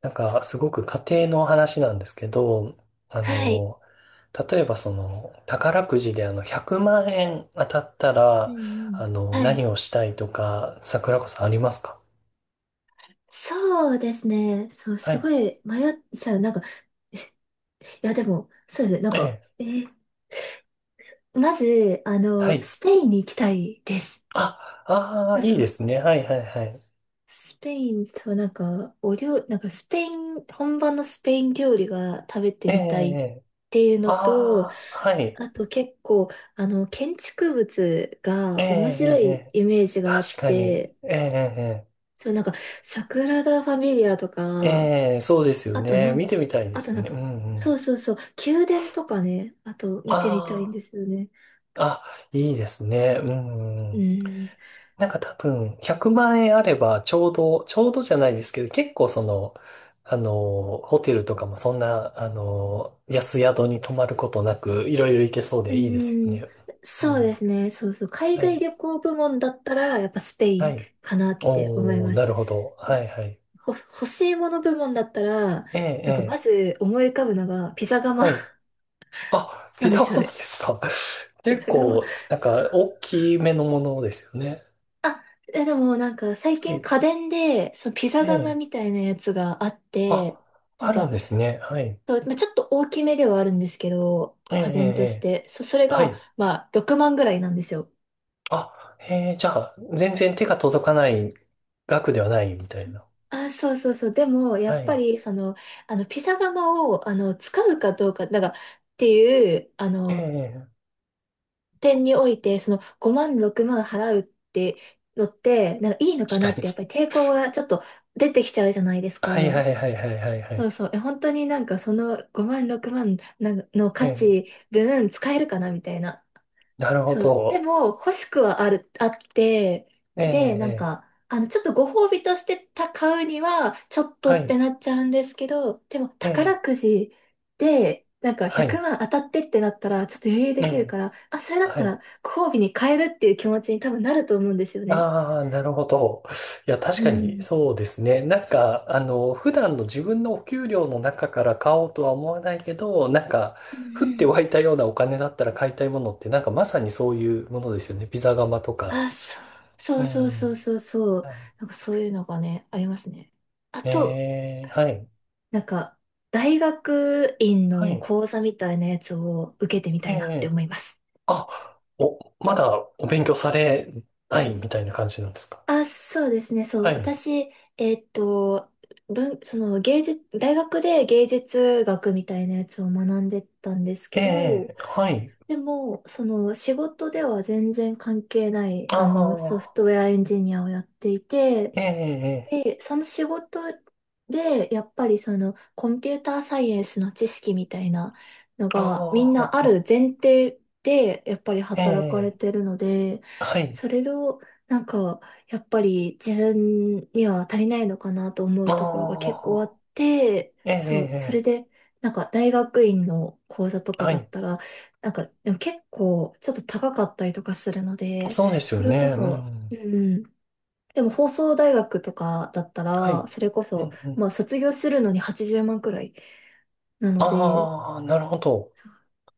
なんか、すごく家庭の話なんですけど、あはい。の、例えばその、宝くじで100万円当たったうんら、うん。はい。何をしたいとか、桜子さんありますか？そうですね。そう、はすごい。い迷っちゃう。なんか、いや、でも、そうですね。ええ。まず、あはの、い。スペインに行きたいです。あ、ああ、あ、いいそでう。すね。はいはいはい。スペインと、なんか、お料、なんか、スペイン、本場のスペイン料理が食べてええ、みたいえっえ。ていうのと、ああ、はい。あと結構、あの、建築物ええ、が面白ええ、えいえ、イメージがあっ確かに。えて、え、そう、なんか、サグラダ・ファミリアとええ、か、ええ、そうですよあとね。な見ん、てみたいであとすよなんね。うか、んうん。そうそうそう、宮殿とかね、あと見てみたいんあですよね。あ、あ、いいですね。うんううん。ん。なんか多分、100万円あれば、ちょうどじゃないですけど、結構その、ホテルとかもそんな、安宿に泊まることなく、いろいろ行けそううでいいですよん。ね。うそうでん。すね。そうそう。海は外い。旅行部門だったら、やっぱスペイはンい。かなって思いおー、まなす。るほど。はい、はい。ほ、欲しいもの部門だったら、ええ、えなんかまえ。ず思い浮かぶのがピザ窯 はい。あ、なピんでザすよハムでね。すか？ピ結ザ窯。構、なんか、大きめのものですよね。あ、え、でもなんか最は近い。家電で、そのピえザ窯え。みたいなやつがあっあ、て、なんあるんかですね。はい。そうまあ、ちょっと大きめではあるんですけど、ええ、ええ。家電としえて。そ、それえ、はが、い。まあ、6万ぐらいなんですよ。あ、へえー、じゃあ、全然手が届かない額ではないみたいな。あ、そうそうそう。でも、やはっぱい。り、その、あの、ピザ窯を、あの、使うかどうか、なんか、っていう、あの、ええ、点において、その、5万、6万払うってのって、なんか、いいのかな確っかに。て、やっぱり抵抗がちょっと出てきちゃうじゃないですはいはか。いはいはいはいはそうい。そう。え、本当になんか、その5万、6万なんかの価ええ、値分使えるかなみたいな。なるほそう。でど。も、欲しくはある、あって、えで、なんええか、え、あの、ちょっとご褒美としてた買うには、ちょっとはっい。てなっちゃうんですけど、でも、え宝え、くじで、なんか、は100い。万当たってってなったら、ちょっと余裕えできるえ、から、あ、それだっはたい。ら、ご褒美に変えるっていう気持ちに多分なると思うんですよね。ああ、なるほど。いや、確うかにん。そうですね。なんか、普段の自分のお給料の中から買おうとは思わないけど、なんか、うん降ってう湧いん、たようなお金だったら買いたいものって、なんかまさにそういうものですよね。ピザ窯とか。あ、そうう、そうん。そうそうそうそう。はい。なんかそういうのがね、ありますね。あと、えー、はい。なんか、大学院はのい。講座みたいなやつを受けてみたえいなってえ、思います。あ、お、まだお勉強されないみたいな感じなんですか？あ、そうですね、そはう。い。私、ーっと、文、その芸術、大学で芸術学みたいなやつを学んでたんですえけど、え、はい。でも、その仕事では全然関係ない、ああの、ソフあ、トウェアエンジニアをやっていて、ええ、で、その仕事で、やっぱりそのコンピューターサイエンスの知識みたいなのあがみんなあるあ、前提で、やっぱり働かれええ、てるので、はい。それをなんか、やっぱり自分には足りないのかなと思うところが結構あっあて、そう、それあ、ええ、で、なんか大学院の講座とかはだっい。たら、なんかでも結構ちょっと高かったりとかするので、そうですよそれね。こうそ、うん。ん。でも放送大学とかだったはい。ら、それこうそ、ん、うまん。あ卒業するのに80万くらいなので、ああ、なるほど。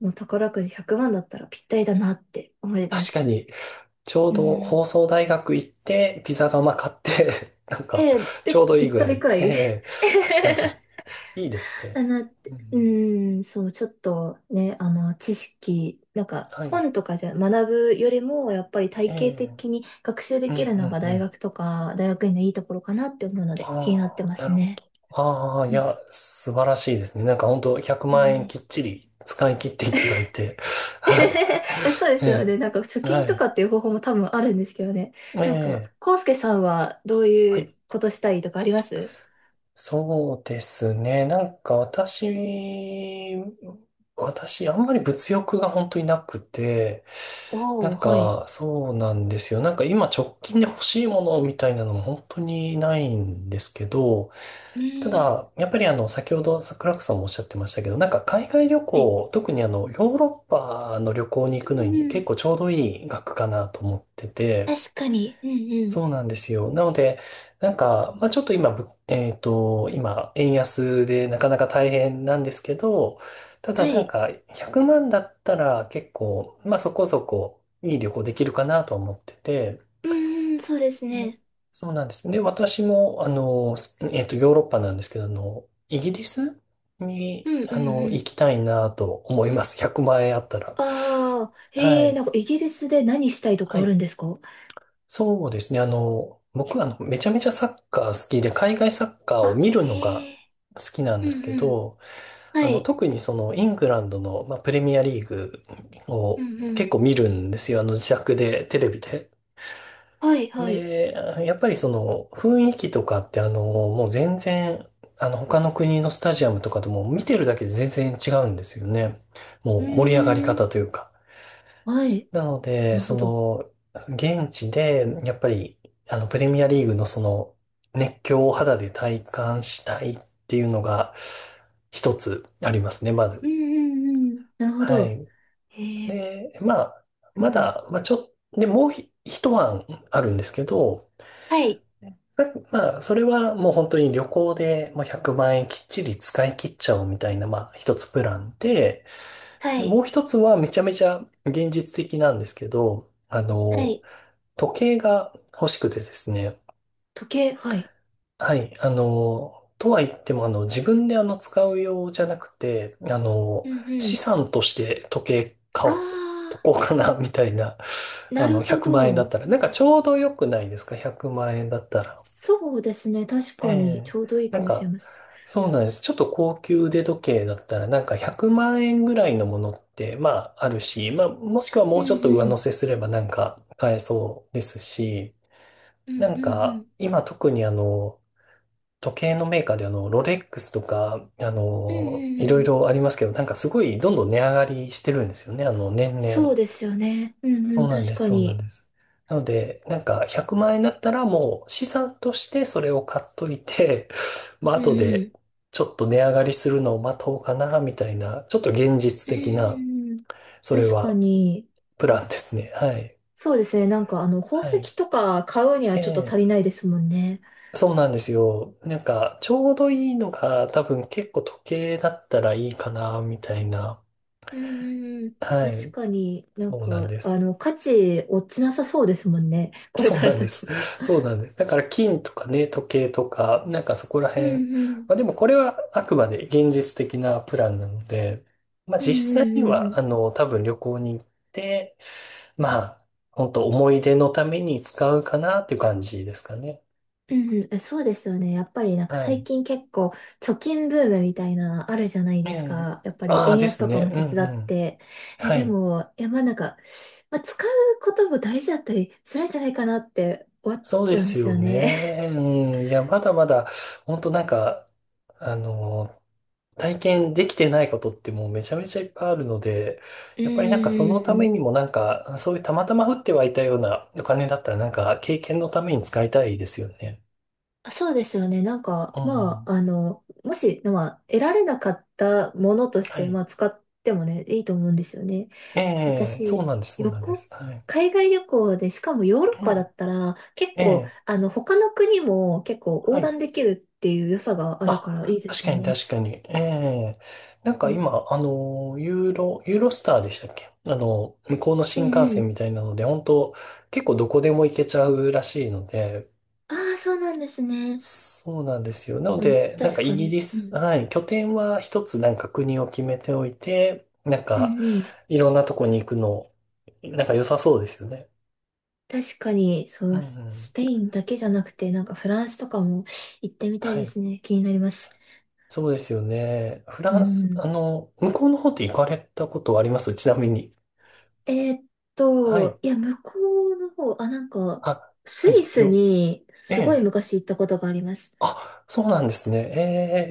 もう宝くじ100万だったらぴったりだなって思いま確かす。に。ちょううどん。放送大学行って、ピザ窯買って なんか、えー、ちょで、うどぴいいっぐたらりい。くらい ええ、確かに。いいですね。だなって。ううん、ん、そう、ちょっとね、あの、知識、なんか、はい。本とかじゃ学ぶよりも、やっぱりえ体系的え、に学習でうん、うきるのん、がう大ん。学とか、大学院のいいところかなって思うので、気になってあまあ、なするほど。ね。ああ、いうんや、素晴らしいですね。なんか本当100う万円ん きっちり使い切っていただいて。はい。そうでえすよね。なんか貯え、は金とかい。っていう方法も多分あるんですけどね。えなんか、え、康介さんはどうはいうい。ことしたいとかあります？そうですね。なんか私、あんまり物欲が本当になくて、なおんー、はい。かそうなんですよ。なんか今直近で欲しいものみたいなのも本当にないんですけど、うたーん。だ、やっぱり先ほど桜子さんもおっしゃってましたけど、なんか海外旅はい。行、特にヨーロッパの旅行に行うくのんにう結ん。構ちょうどいい額かなと思ってて、確かに。うんうそん。うなんですよ。なので、なんか、まあちょっと今、ぶえっと、今、円安でなかなか大変なんですけど、ただはなんい。か、100万だったら結構、まあそこそこいい旅行できるかなと思ってて、うんうん、そうですで、ね。そうなんです。で、私も、あの、スえっと、ヨーロッパなんですけど、イギリスうに、んうんう行ん。きたいなと思います。100万円あったら。ああ、はへえ、ない。んかイギリスで何したいとはかあるい。んですか？そうですね。僕はあのめちゃめちゃサッカー好きで、海外サッカーをあ、見るのがへえ。好きなんうですんけうん。ど、はい。特にそのイングランドの、まあ、プレミアリーグうをんう結ん。構見るんですよ。自宅で、テレビで。はいはい。で、やっぱりその雰囲気とかってもう全然、他の国のスタジアムとかとも見てるだけで全然違うんですよね。もうう盛り上がりーん。方というか。はい。なので、なるほそど。の、現地で、やっぱり、プレミアリーグのその、熱狂を肌で体感したいっていうのが、一つありますね、まうず。んうんうん。なるほはど。い。へえ、で、まあ、まうんうん。だ、まあ、ちょっ、で、もう一案あるんですけど、はい、さまあ、それはもう本当に旅行でもう100万円きっちり使い切っちゃおうみたいな、まあ、一つプランで、はで、もい、う一つはめちゃめちゃ現実的なんですけど、はい。時計が欲しくてですね。時計、はい。はい。とは言っても、自分で使う用じゃなくて、うんう資ん。産として時計あ買おうとあ、こうかな、みたいな。なるほ100ど。万円だうったら。なんかちん。ょうど良くないですか？ 100 万円だったら。そうですね。確えかに、ちえ。ょうどいいなかんもしれか、ません。そうなんです。ちょっと高級腕時計だったら、なんか100万円ぐらいのものって、まあ、あるし、まあ、もしくはうもんうちょっと上う乗ん。せすればなんか買えそうですし、うんなうんんうか、ん。今特に時計のメーカーでロレックスとか、うんういんろいうん。ろありますけど、なんかすごいどんどん値上がりしてるんですよね、年々。そうですよね。うんうそうん。なん確です、かそうなんに。です。なので、なんか100万円だったらもう資産としてそれを買っといて、まあうん後うでん。ちょっと値上がりするのを待とうかな、みたいな、ちょっと現実う的な、ん、それ確かはに。プランですね。はい。そうですね。なんか、あの、宝はい。石とか買うにはちょっと足えりえ、ないですもんね。そうなんですよ。なんか、ちょうどいいのが多分結構時計だったらいいかな、みたいな。うんうんうん。は確い。かになんそうなんか、であす。の、価値落ちなさそうですもんね。これそうからなんです。先も。そうなんです。だから金とかね、時計とか、なんかそこらう辺。んうまあん。でもこれはあくまで現実的なプランなので、まあうんう実際にんうんうは、ん。多分旅行に行って、まあ、本当思い出のために使うかなっていう感じですかね。うんうん。え、そうですよね。やっぱりなんかは最い。近結構貯金ブームみたいなあるじゃないえですえ。か。やっぱりああ、円で安すとかね。もう手ん伝うっん。て。え、はでい。も、いやまあなんか、まあ、使うことも大事だったりするんじゃないかなって思っそうちでゃうんですすよよね。ね。うん。いや、まだまだ、本当なんか、あの、体験できてないことってもうめちゃめちゃいっぱいあるので、うんやうっぱりなんかそのたんうめにん、もなんか、そういうたまたま降ってはいたようなお金だったらなんか経験のために使いたいですよね。そうですよね。なんか、うまん。あ、あの、もし、まあ、得られなかったものとしはて、い。まあ、使ってもね、いいと思うんですよね。えそうえ、そう私、なんです、そう旅なんで行、す。はい。海外旅行で、しかもヨーロッはパだい。ったら、結え構、え、あの、他の国も結構は横い。断できるっていう良さがあるからいあ、いで確すよかにね。確かに。ええ、なんうかん。今、ユーロスターでしたっけ？向こうのう新ん幹う線みん。たいなので、本当結構どこでも行けちゃうらしいので、ああ、そうなんですね。そうなんですよ。なのうん、で、なん確かイかギリに。うス、ん。はい、拠点は一つなんか国を決めておいて、なんうんか、うん。いろんなとこに行くの、なんか良さそうですよね。確かに、そうんうう、ススペん。インだけじゃなくて、なんかフランスとかも行ってみたはいでい。すね。気になります。そうですよね。フうランス、ん。向こうの方って行かれたことはありますちなみに。えーっはい。いや、向こうの方、あ、なんか、あ、スはい、イスにえすごいえ。昔行ったことがあります。あ、そうなんですね。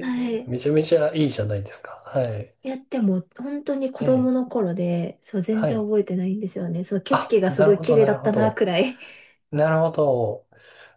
はえ、い。めちゃめちゃいいじゃないですか。はい。いや、でも、本当に子え供え、の頃で、そう、全は然い。覚えてないんですよね。そう、景あ、色がすなごるいほ綺ど、麗なだるっほたな、ど。くらい。なるほど。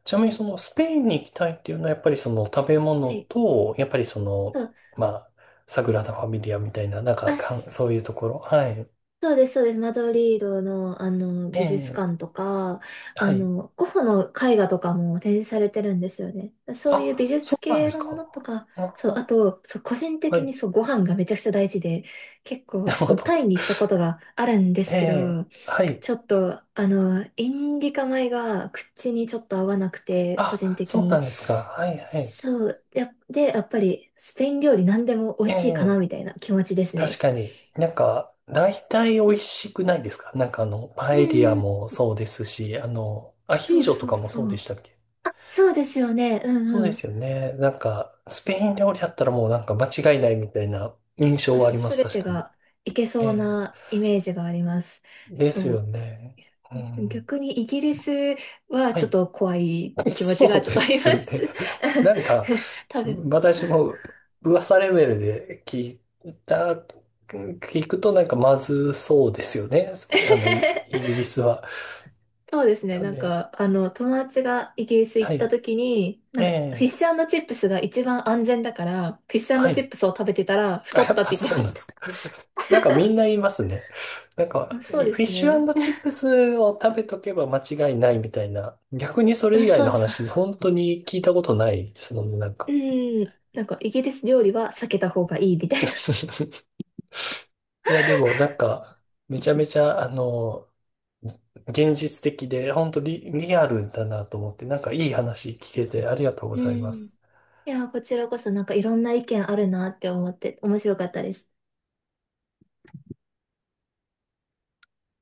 ちなみにそのスペインに行きたいっていうのはやっぱりその食べは物い。と、やっぱりその、そう。まあ、サグラダ・ファミリアみたいな、なんか、あ、そういうところ。はい。そうです、そうです。マドリードの、あの、え美術え、館とか、はあい。の、ゴッホの絵画とかも展示されてるんですよね。そうあ、いう美そ術うなんで系すのもか。のとか、そう、ああ、と、そう、個人は的い。にそう、ご飯がめちゃくちゃ大事で、結な構、るそほの、ど。タイに行ったことがあるんでえすけえ、ど、はい。ちょっと、あの、インディカ米が口にちょっと合わなくて、個人あ、的そうに。なんですか。はい、はい。そう、や、で、やっぱり、スペイン料理何でも美味しいかな、えみえ、たいな気持ちです確ね。かに、なんか、大体美味しくないですか？なんかパうエリアんうん、もそうですし、アヒそーうジョとそかうもそそうでしう。たっけ？そうですよね。うそうんでうん。すよね。なんか、スペイン料理だったらもうなんか間違いないみたいな印象あ、はあそう、りますす、べ確てかに。がいけえそうえ、なイメージがあります。ですそよう。ね。う ん。逆にイギリスははちょっい。と怖い 気持ちそがうちでょっとありますね。す。なんか、多分。私も噂レベルで聞いた、聞くとなんかまずそうですよね。スペあの、イイギ リスは。そうですね。なんなんで、か、あの、友達がイギリス行はったい。時に、なえんか、フィッえ、シュチップスが一番安全だから、フィッシはュチい。ップスを食べてたらあ、太やっったっぱて言っそてうまなんしでた。すか。なんかみんな言いますね。なんうか、ん、そうでフィッすシね。ュチップスを食べとけば間違いないみたいな。逆にそれう以ん外そのうそう。話、本当に聞いたことないですもんね、なんうか。ん。なんかイギリス料理は避けた方がいいみたいな。いや、でもなんか、めちゃめちゃ、現実的で、本当リアルだなと思って、なんかいい話聞けてありがとうごうざいまん。いす。や、こちらこそなんかいろんな意見あるなって思って面白かったです。